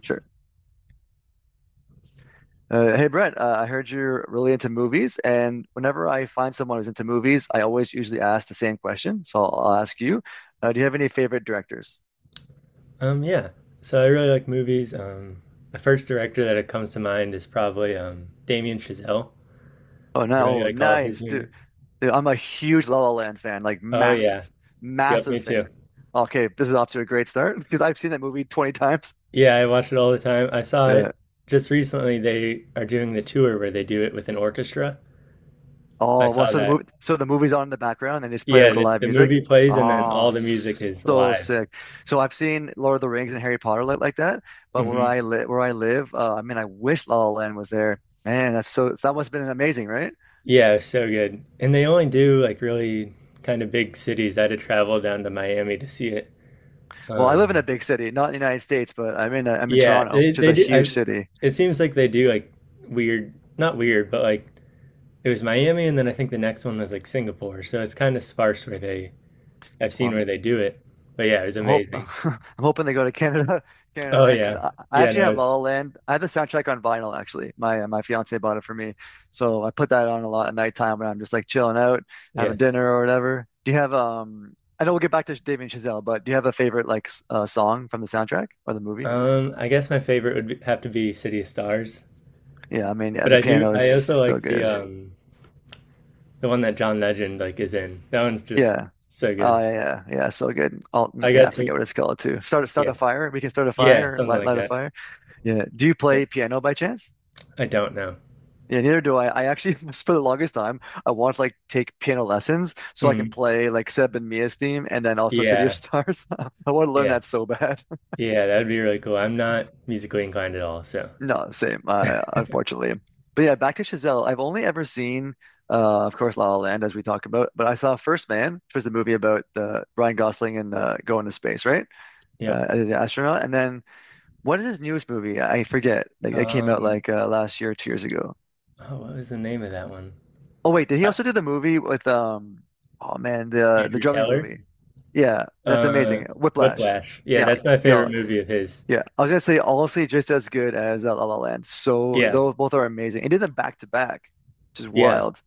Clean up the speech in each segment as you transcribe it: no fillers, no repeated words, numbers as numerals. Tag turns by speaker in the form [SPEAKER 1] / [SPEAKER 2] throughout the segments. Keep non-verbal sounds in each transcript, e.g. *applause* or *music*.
[SPEAKER 1] Sure. Hey Brent, I heard you're really into movies, and whenever I find someone who's into movies, I always usually ask the same question. So I'll ask you, do you have any favorite directors?
[SPEAKER 2] Yeah. So I really like movies. The first director that comes to mind is probably Damien Chazelle.
[SPEAKER 1] Oh
[SPEAKER 2] I really
[SPEAKER 1] no, oh
[SPEAKER 2] like all of his
[SPEAKER 1] nice,
[SPEAKER 2] movies.
[SPEAKER 1] dude. Dude, I'm a huge La La Land fan, like
[SPEAKER 2] Oh yeah.
[SPEAKER 1] massive,
[SPEAKER 2] Yep,
[SPEAKER 1] massive
[SPEAKER 2] me
[SPEAKER 1] fan.
[SPEAKER 2] too.
[SPEAKER 1] Okay, this is off to a great start *laughs* because I've seen that movie 20 times.
[SPEAKER 2] Yeah, I watch it all the time. I saw
[SPEAKER 1] Yeah.
[SPEAKER 2] it just recently. They are doing the tour where they do it with an orchestra. I
[SPEAKER 1] Oh, well,
[SPEAKER 2] saw
[SPEAKER 1] so the movie,
[SPEAKER 2] that.
[SPEAKER 1] so the movie's on in the background and they just play
[SPEAKER 2] Yeah,
[SPEAKER 1] like the
[SPEAKER 2] the,
[SPEAKER 1] live
[SPEAKER 2] the
[SPEAKER 1] music.
[SPEAKER 2] movie plays and then
[SPEAKER 1] Oh,
[SPEAKER 2] all the music is
[SPEAKER 1] so
[SPEAKER 2] live.
[SPEAKER 1] sick. So I've seen Lord of the Rings and Harry Potter like that, but where I
[SPEAKER 2] Hmm.
[SPEAKER 1] live, where I live, I mean, I wish La La Land was there. Man, that's so that must have been amazing, right?
[SPEAKER 2] Yeah, it was so good. And they only do like really kind of big cities. I had to travel down to Miami to see it.
[SPEAKER 1] Well, I live in a
[SPEAKER 2] Um,
[SPEAKER 1] big city, not in the United States, but I'm in
[SPEAKER 2] Yeah,
[SPEAKER 1] Toronto,
[SPEAKER 2] they
[SPEAKER 1] which is
[SPEAKER 2] they
[SPEAKER 1] a
[SPEAKER 2] do.
[SPEAKER 1] huge city.
[SPEAKER 2] It seems like they do like weird, not weird, but like it was Miami, and then I think the next one was like Singapore. So it's kind of sparse where they I've seen
[SPEAKER 1] Well,
[SPEAKER 2] where they do it. But yeah, it was
[SPEAKER 1] I'm hope *laughs*
[SPEAKER 2] amazing.
[SPEAKER 1] I'm hoping they go to Canada *laughs* Canada
[SPEAKER 2] Oh yeah,
[SPEAKER 1] next. I
[SPEAKER 2] yeah.
[SPEAKER 1] actually
[SPEAKER 2] No,
[SPEAKER 1] have La La
[SPEAKER 2] it's
[SPEAKER 1] Land. I have the soundtrack on vinyl actually. My my fiance bought it for me, so I put that on a lot at nighttime when I'm just like chilling out, having
[SPEAKER 2] yes.
[SPEAKER 1] dinner or whatever. Do you have? I know we'll get back to David and Chazelle, but do you have a favorite like song from the soundtrack or the movie?
[SPEAKER 2] I guess my favorite would be, have to be City of Stars,
[SPEAKER 1] Yeah, I mean yeah,
[SPEAKER 2] but
[SPEAKER 1] the
[SPEAKER 2] I do.
[SPEAKER 1] piano is
[SPEAKER 2] I also
[SPEAKER 1] so
[SPEAKER 2] like
[SPEAKER 1] good.
[SPEAKER 2] the one that John Legend like is in. That one's just
[SPEAKER 1] Yeah.
[SPEAKER 2] so
[SPEAKER 1] Oh
[SPEAKER 2] good.
[SPEAKER 1] yeah, yeah, yeah, so good. All
[SPEAKER 2] I
[SPEAKER 1] yeah, I
[SPEAKER 2] got to
[SPEAKER 1] forget what it's called too. Start
[SPEAKER 2] yeah
[SPEAKER 1] a fire. We can start a
[SPEAKER 2] yeah
[SPEAKER 1] fire.
[SPEAKER 2] something
[SPEAKER 1] Light
[SPEAKER 2] like
[SPEAKER 1] light a
[SPEAKER 2] that.
[SPEAKER 1] fire. Yeah. Do you
[SPEAKER 2] Yep.
[SPEAKER 1] play piano by chance?
[SPEAKER 2] I don't know.
[SPEAKER 1] Yeah, neither do I. I actually, *laughs* for the longest time, I wanted to like take piano lessons so I can
[SPEAKER 2] Mm,
[SPEAKER 1] play like Seb and Mia's theme and then also City
[SPEAKER 2] yeah
[SPEAKER 1] of Stars. *laughs* I want to learn
[SPEAKER 2] yeah.
[SPEAKER 1] that so bad. *laughs*
[SPEAKER 2] Yeah, that would be really cool. I'm not musically inclined at all, so
[SPEAKER 1] No, same, unfortunately. But yeah, back to Chazelle. I've only ever seen, of course, La La Land, as we talk about, but I saw First Man, which was the movie about the Ryan Gosling and going to space, right?
[SPEAKER 2] yep.
[SPEAKER 1] As an astronaut. And then what is his newest movie? I forget. Like, it came out
[SPEAKER 2] Um,
[SPEAKER 1] like last year, 2 years ago.
[SPEAKER 2] oh, what was the name of that one?
[SPEAKER 1] Oh wait, did he
[SPEAKER 2] I,
[SPEAKER 1] also do the movie with oh man, the
[SPEAKER 2] Andrew
[SPEAKER 1] drumming
[SPEAKER 2] Taylor?
[SPEAKER 1] movie? Yeah, that's
[SPEAKER 2] Uh,
[SPEAKER 1] amazing. Whiplash.
[SPEAKER 2] Whiplash. Yeah,
[SPEAKER 1] Yeah.
[SPEAKER 2] that's my
[SPEAKER 1] Yo,
[SPEAKER 2] favorite movie of his.
[SPEAKER 1] yeah. I was gonna say honestly just as good as La La Land. So
[SPEAKER 2] Yeah,
[SPEAKER 1] those both are amazing. He did them back to back, which is
[SPEAKER 2] yeah.
[SPEAKER 1] wild.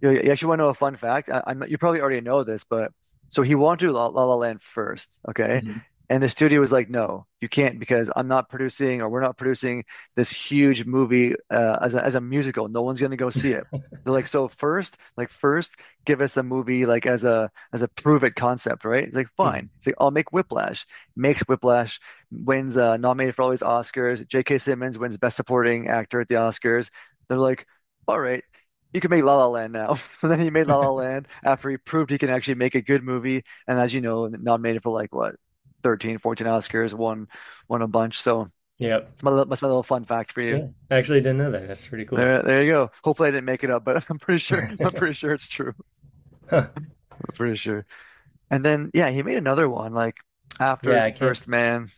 [SPEAKER 1] You actually want to know a fun fact? You probably already know this, but so he wanted to do La La La Land first, okay?
[SPEAKER 2] Mhm,
[SPEAKER 1] And the studio was like, no, you can't because I'm not producing or we're not producing this huge movie as a musical. No one's going to go see it. They're like, so first, give us a movie like as a prove it concept, right? It's like
[SPEAKER 2] mhm.
[SPEAKER 1] fine. It's like I'll make Whiplash. Makes Whiplash, wins nominated for all these Oscars. J.K. Simmons wins Best Supporting Actor at the Oscars. They're like, all right, you can make La La Land now. *laughs* So then he made La La Land after he proved he can actually make a good movie. And as you know, nominated for like what, 13, 14 Oscars, won a bunch. So
[SPEAKER 2] Yep.
[SPEAKER 1] that's my little fun fact for you.
[SPEAKER 2] Yeah, I actually didn't know that. That's pretty cool.
[SPEAKER 1] There you go. Hopefully I didn't make it up, but *laughs* I'm pretty sure *laughs* I'm pretty sure it's true. *laughs*
[SPEAKER 2] Huh.
[SPEAKER 1] I'm pretty sure. And then yeah, he made another one like after
[SPEAKER 2] Yeah, I can't.
[SPEAKER 1] First Man,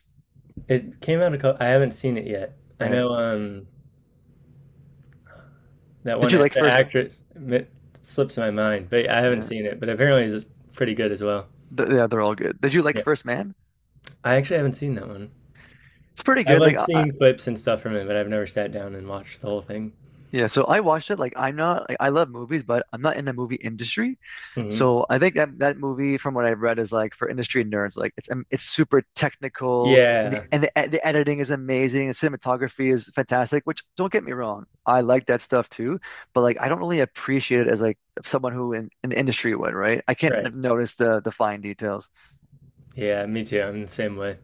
[SPEAKER 2] It came out a couple. I haven't seen it yet. I
[SPEAKER 1] right?
[SPEAKER 2] know that
[SPEAKER 1] Did
[SPEAKER 2] one
[SPEAKER 1] you
[SPEAKER 2] a-
[SPEAKER 1] like First?
[SPEAKER 2] actress it slips my mind, but I haven't
[SPEAKER 1] Yeah,
[SPEAKER 2] seen it. But apparently, it's pretty good as well.
[SPEAKER 1] th yeah, they're all good. Did you like
[SPEAKER 2] Yeah,
[SPEAKER 1] First Man?
[SPEAKER 2] I actually haven't seen that one.
[SPEAKER 1] It's pretty
[SPEAKER 2] I've
[SPEAKER 1] good.
[SPEAKER 2] like seen clips and stuff from it, but I've never sat down and watched the whole thing.
[SPEAKER 1] Yeah, so I watched it. Like, I love movies, but I'm not in the movie industry.
[SPEAKER 2] Hmm.
[SPEAKER 1] So I think that that movie, from what I've read, is like for industry nerds. Like, it's super technical, and
[SPEAKER 2] Yeah,
[SPEAKER 1] the editing is amazing, and cinematography is fantastic. Which don't get me wrong, I like that stuff too. But like, I don't really appreciate it as like someone who in the industry would, right? I can't
[SPEAKER 2] right.
[SPEAKER 1] notice the fine details.
[SPEAKER 2] Yeah, me too. I'm the same way.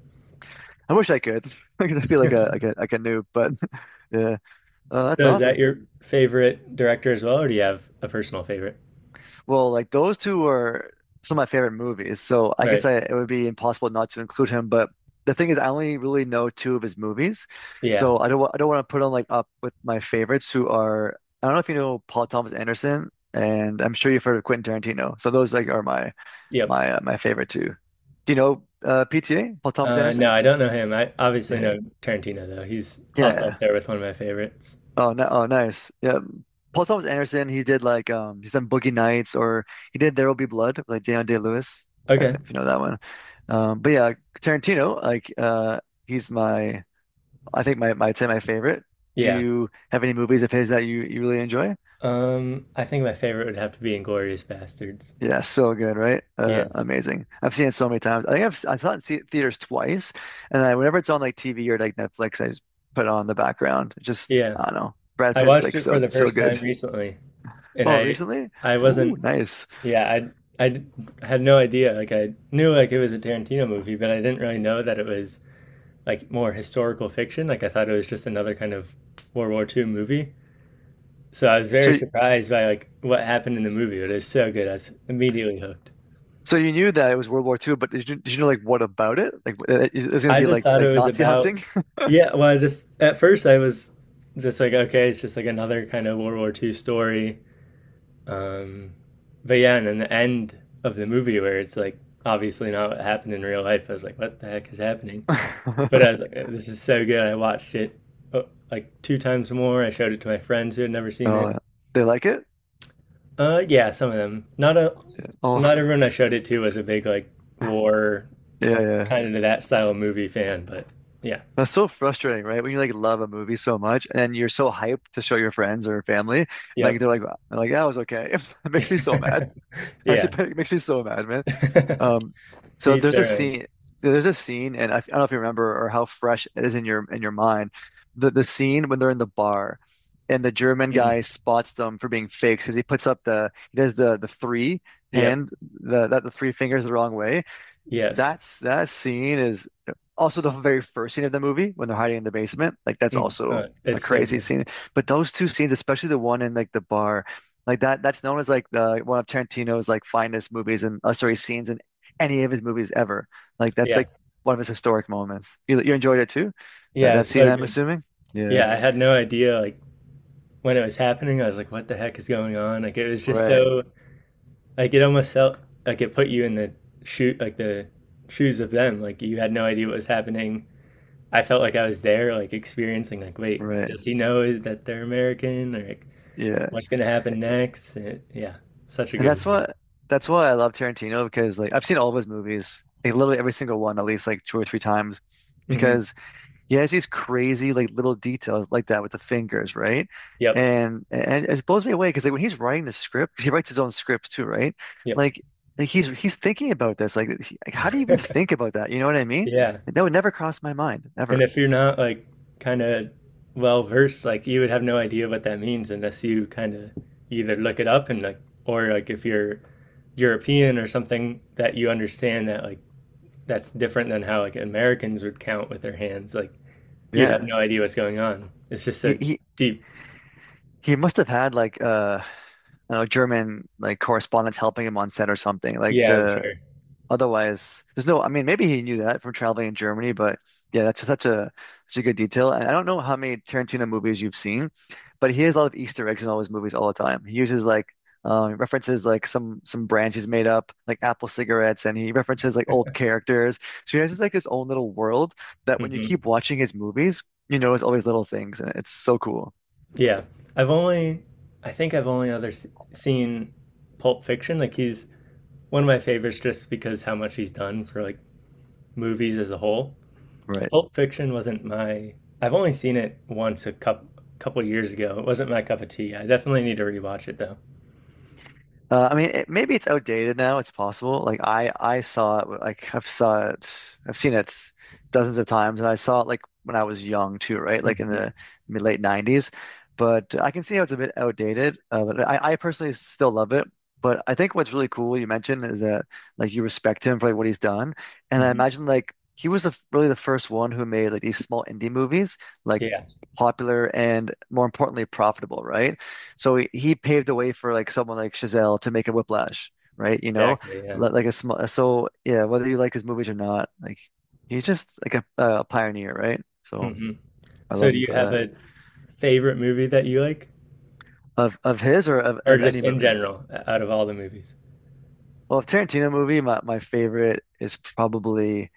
[SPEAKER 1] I wish I could *laughs* because I feel like a like a like a noob. But *laughs* yeah, that's
[SPEAKER 2] So is that
[SPEAKER 1] awesome.
[SPEAKER 2] your favorite director as well, or do you have a personal favorite?
[SPEAKER 1] Well, like those two are some of my favorite movies, so I guess
[SPEAKER 2] Right.
[SPEAKER 1] I, it would be impossible not to include him. But the thing is, I only really know two of his movies,
[SPEAKER 2] Yeah.
[SPEAKER 1] so I don't want to put him like up with my favorites, who are I don't know if you know Paul Thomas Anderson, and I'm sure you've heard of Quentin Tarantino. So those like are
[SPEAKER 2] Yep.
[SPEAKER 1] my favorite two. Do you know PTA, Paul Thomas
[SPEAKER 2] No,
[SPEAKER 1] Anderson?
[SPEAKER 2] I don't know him. I obviously
[SPEAKER 1] Yeah.
[SPEAKER 2] know Tarantino though. He's also up
[SPEAKER 1] Yeah,
[SPEAKER 2] there with one of my favorites.
[SPEAKER 1] oh, no, oh, nice. Yeah, Paul Thomas Anderson. He did like he's done Boogie Nights, or he did There Will Be Blood, with like Daniel Day-Lewis, if,
[SPEAKER 2] Okay.
[SPEAKER 1] if you know that one. But yeah, Tarantino, like he's my, I think my, my, I'd say my favorite. Do
[SPEAKER 2] Yeah.
[SPEAKER 1] you have any movies of his that you really enjoy?
[SPEAKER 2] I think my favorite would have to be Inglorious Bastards.
[SPEAKER 1] Yeah, so good, right?
[SPEAKER 2] Yes.
[SPEAKER 1] Amazing. I've seen it so many times. I think I've s- I saw it in the- theaters twice, and I whenever it's on like TV or like Netflix, I just put it on in the background. Just
[SPEAKER 2] Yeah.
[SPEAKER 1] I don't know. Brad
[SPEAKER 2] I
[SPEAKER 1] Pitt's
[SPEAKER 2] watched
[SPEAKER 1] like
[SPEAKER 2] it for
[SPEAKER 1] so
[SPEAKER 2] the
[SPEAKER 1] so
[SPEAKER 2] first time
[SPEAKER 1] good.
[SPEAKER 2] recently, and
[SPEAKER 1] Oh,
[SPEAKER 2] I
[SPEAKER 1] recently?
[SPEAKER 2] I
[SPEAKER 1] Ooh,
[SPEAKER 2] wasn't.
[SPEAKER 1] nice.
[SPEAKER 2] Yeah, I I d- had no idea. Like I knew like it was a Tarantino movie, but I didn't really know that it was like more historical fiction. Like I thought it was just another kind of World War Two movie. So I was
[SPEAKER 1] So,
[SPEAKER 2] very surprised by like what happened in the movie, but it was so good. I was immediately hooked.
[SPEAKER 1] so you knew that it was World War Two, but did you know like what about it? Like, is it's going to
[SPEAKER 2] I
[SPEAKER 1] be
[SPEAKER 2] just thought it
[SPEAKER 1] like
[SPEAKER 2] was
[SPEAKER 1] Nazi
[SPEAKER 2] about
[SPEAKER 1] hunting?
[SPEAKER 2] yeah, well I just at first I was just like okay, it's just like another kind of World War Two story. Um but yeah, and then the end of the movie where it's like obviously not what happened in real life, I was like what the heck is happening? But I
[SPEAKER 1] *laughs*
[SPEAKER 2] was like, "Oh, this is so good. I watched it uh, like two times more. I showed it to my friends who had never seen it.
[SPEAKER 1] Oh, they like it?
[SPEAKER 2] Yeah, some of them.
[SPEAKER 1] Oh,
[SPEAKER 2] Not everyone I showed it to was a big like war
[SPEAKER 1] *laughs* yeah, yeah.
[SPEAKER 2] kind of that style of movie fan, but yeah,
[SPEAKER 1] That's so frustrating, right? When you like love a movie so much and you're so hyped to show your friends or family, and like
[SPEAKER 2] yep,
[SPEAKER 1] they're like that was okay. *laughs* It makes me so mad.
[SPEAKER 2] *laughs*
[SPEAKER 1] Actually,
[SPEAKER 2] yeah.
[SPEAKER 1] *laughs* it makes me so mad, man. Um,
[SPEAKER 2] *laughs* To
[SPEAKER 1] so
[SPEAKER 2] each
[SPEAKER 1] there's a
[SPEAKER 2] their own.
[SPEAKER 1] scene, there's a scene, and I don't know if you remember or how fresh it is in your mind. The scene when they're in the bar, and the German
[SPEAKER 2] Mm.
[SPEAKER 1] guy spots them for being fakes because he does the three
[SPEAKER 2] Yep.
[SPEAKER 1] hand the that the three fingers the wrong way,
[SPEAKER 2] Yes.
[SPEAKER 1] that's that scene is also the very first scene of the movie when they're hiding in the basement. Like that's
[SPEAKER 2] Mm.
[SPEAKER 1] also a
[SPEAKER 2] It's so
[SPEAKER 1] crazy
[SPEAKER 2] good.
[SPEAKER 1] scene. But those two scenes, especially the one in like the bar, like that's known as like the one of Tarantino's like finest movies and sorry scenes in any of his movies ever. Like that's
[SPEAKER 2] Yeah.
[SPEAKER 1] like one of his historic moments. You enjoyed it too? That
[SPEAKER 2] Yeah,
[SPEAKER 1] that
[SPEAKER 2] it's
[SPEAKER 1] scene,
[SPEAKER 2] so
[SPEAKER 1] I'm
[SPEAKER 2] good.
[SPEAKER 1] assuming. Yeah.
[SPEAKER 2] Yeah, I had no idea like when it was happening. I was like, what the heck is going on? Like it was just
[SPEAKER 1] Right.
[SPEAKER 2] so like it almost felt like it put you in the shoe like the shoes of them. Like you had no idea what was happening. I felt like I was there, like experiencing like, wait,
[SPEAKER 1] Right.
[SPEAKER 2] does he know that they're American? Or like,
[SPEAKER 1] Yeah.
[SPEAKER 2] what's gonna happen next? And- yeah, such a
[SPEAKER 1] And
[SPEAKER 2] good
[SPEAKER 1] that's
[SPEAKER 2] movie.
[SPEAKER 1] what that's why I love Tarantino because like I've seen all of his movies, like literally every single one at least like two or three times
[SPEAKER 2] Hmm.
[SPEAKER 1] because he has these crazy like little details like that with the fingers, right?
[SPEAKER 2] Yep.
[SPEAKER 1] And it blows me away because like when he's writing the script, because he writes his own script too, right?
[SPEAKER 2] Yep.
[SPEAKER 1] Like, like he's thinking about this. Like, how do you even
[SPEAKER 2] *laughs*
[SPEAKER 1] think about that? You know what I mean?
[SPEAKER 2] Yeah.
[SPEAKER 1] Like, that would never cross my mind
[SPEAKER 2] And
[SPEAKER 1] ever.
[SPEAKER 2] if you're not like kind of well versed, like you would have no idea what that means unless you kind of either look it up and like, or like if you're European or something that you understand that like that's different than how like Americans would count with their hands. Like you'd have
[SPEAKER 1] Yeah,
[SPEAKER 2] no idea what's going on. It's just so
[SPEAKER 1] he he
[SPEAKER 2] deep.
[SPEAKER 1] he must have had like I don't know German like correspondents helping him on set or something like
[SPEAKER 2] Yeah, I'm sure.
[SPEAKER 1] to otherwise, there's no, I mean, maybe he knew that from traveling in Germany, but yeah, that's such a such a good detail. And I don't know how many Tarantino movies you've seen, but he has a lot of Easter eggs in all his movies all the time. He uses like references like some brands he's made up, like Apple cigarettes, and he references like old characters. So he has this, like his own little world that when you
[SPEAKER 2] Hmm.
[SPEAKER 1] keep watching his movies, you notice all these little things, and it's so cool.
[SPEAKER 2] Yeah, I've only, I think I've only other s- seen Pulp Fiction. Like he's one of my favorites just because how much he's done for like movies as a whole.
[SPEAKER 1] Right.
[SPEAKER 2] Pulp Fiction wasn't my. I've only seen it once a couple years ago. It wasn't my cup of tea. I definitely need to rewatch it though.
[SPEAKER 1] I mean, it, maybe it's outdated now. It's possible. Like I saw it. Like I've saw it. I've seen it dozens of times, and I saw it like when I was young too, right? Like in
[SPEAKER 2] Hmm.
[SPEAKER 1] the mid late '90s. But I can see how it's a bit outdated. But I personally still love it. But I think what's really cool you mentioned is that like you respect him for like what he's done, and I
[SPEAKER 2] Hmm.
[SPEAKER 1] imagine like he was really the first one who made like these small indie movies, like
[SPEAKER 2] Yeah,
[SPEAKER 1] popular and more importantly profitable, right? So he paved the way for like someone like Chazelle to make a Whiplash, right? You know,
[SPEAKER 2] exactly. Yeah.
[SPEAKER 1] li- like a small. So yeah, whether you like his movies or not, like he's just like a pioneer, right? So
[SPEAKER 2] Hmm.
[SPEAKER 1] I
[SPEAKER 2] So,
[SPEAKER 1] love
[SPEAKER 2] do
[SPEAKER 1] him
[SPEAKER 2] you
[SPEAKER 1] for
[SPEAKER 2] have
[SPEAKER 1] that.
[SPEAKER 2] a favorite movie that you like,
[SPEAKER 1] Of his or of,
[SPEAKER 2] or
[SPEAKER 1] of
[SPEAKER 2] just
[SPEAKER 1] any
[SPEAKER 2] in
[SPEAKER 1] movie.
[SPEAKER 2] general, o- out of all the movies?
[SPEAKER 1] Well, of Tarantino movie, my favorite is probably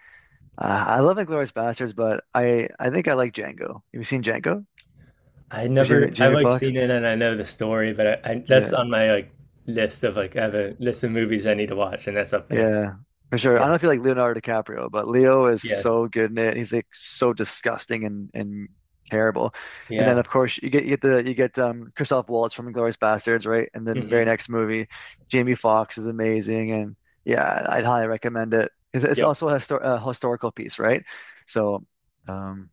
[SPEAKER 1] I love Inglourious Basterds, but I think I like Django. Have you seen Django
[SPEAKER 2] I
[SPEAKER 1] with Jamie
[SPEAKER 2] never, I've
[SPEAKER 1] Jamie
[SPEAKER 2] like
[SPEAKER 1] Foxx?
[SPEAKER 2] seen it and I know the story, but I that's
[SPEAKER 1] Yeah.
[SPEAKER 2] on my like list of like I have a list of movies I need to watch, and that's up there.
[SPEAKER 1] Yeah, for sure.
[SPEAKER 2] Yeah.
[SPEAKER 1] I don't feel like Leonardo DiCaprio, but Leo is
[SPEAKER 2] Yes.
[SPEAKER 1] so good in it. He's like so disgusting and terrible. And then
[SPEAKER 2] Yeah.
[SPEAKER 1] of course you get the you get Christoph Waltz from Inglourious Bastards, right? And then
[SPEAKER 2] Hmm.
[SPEAKER 1] very next movie, Jamie Foxx is amazing, and yeah, I'd highly recommend it. It's
[SPEAKER 2] Yep.
[SPEAKER 1] also a, histor a historical piece, right? So, um,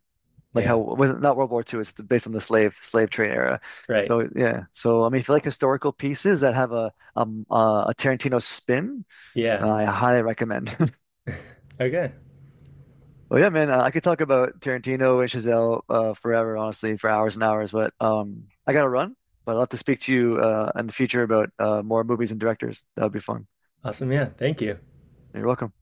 [SPEAKER 1] like
[SPEAKER 2] Yeah.
[SPEAKER 1] how was not World War Two? It's based on the slave trade era.
[SPEAKER 2] Right.
[SPEAKER 1] So yeah, so I mean, if you like historical pieces that have a Tarantino spin,
[SPEAKER 2] Yeah.
[SPEAKER 1] I highly recommend. *laughs*
[SPEAKER 2] Okay.
[SPEAKER 1] Well, yeah, man, I could talk about Tarantino and Chazelle forever, honestly, for hours and hours. But I gotta run. But I'd love to speak to you in the future about more movies and directors. That would be fun.
[SPEAKER 2] Awesome. Yeah. Thank you.
[SPEAKER 1] You're welcome.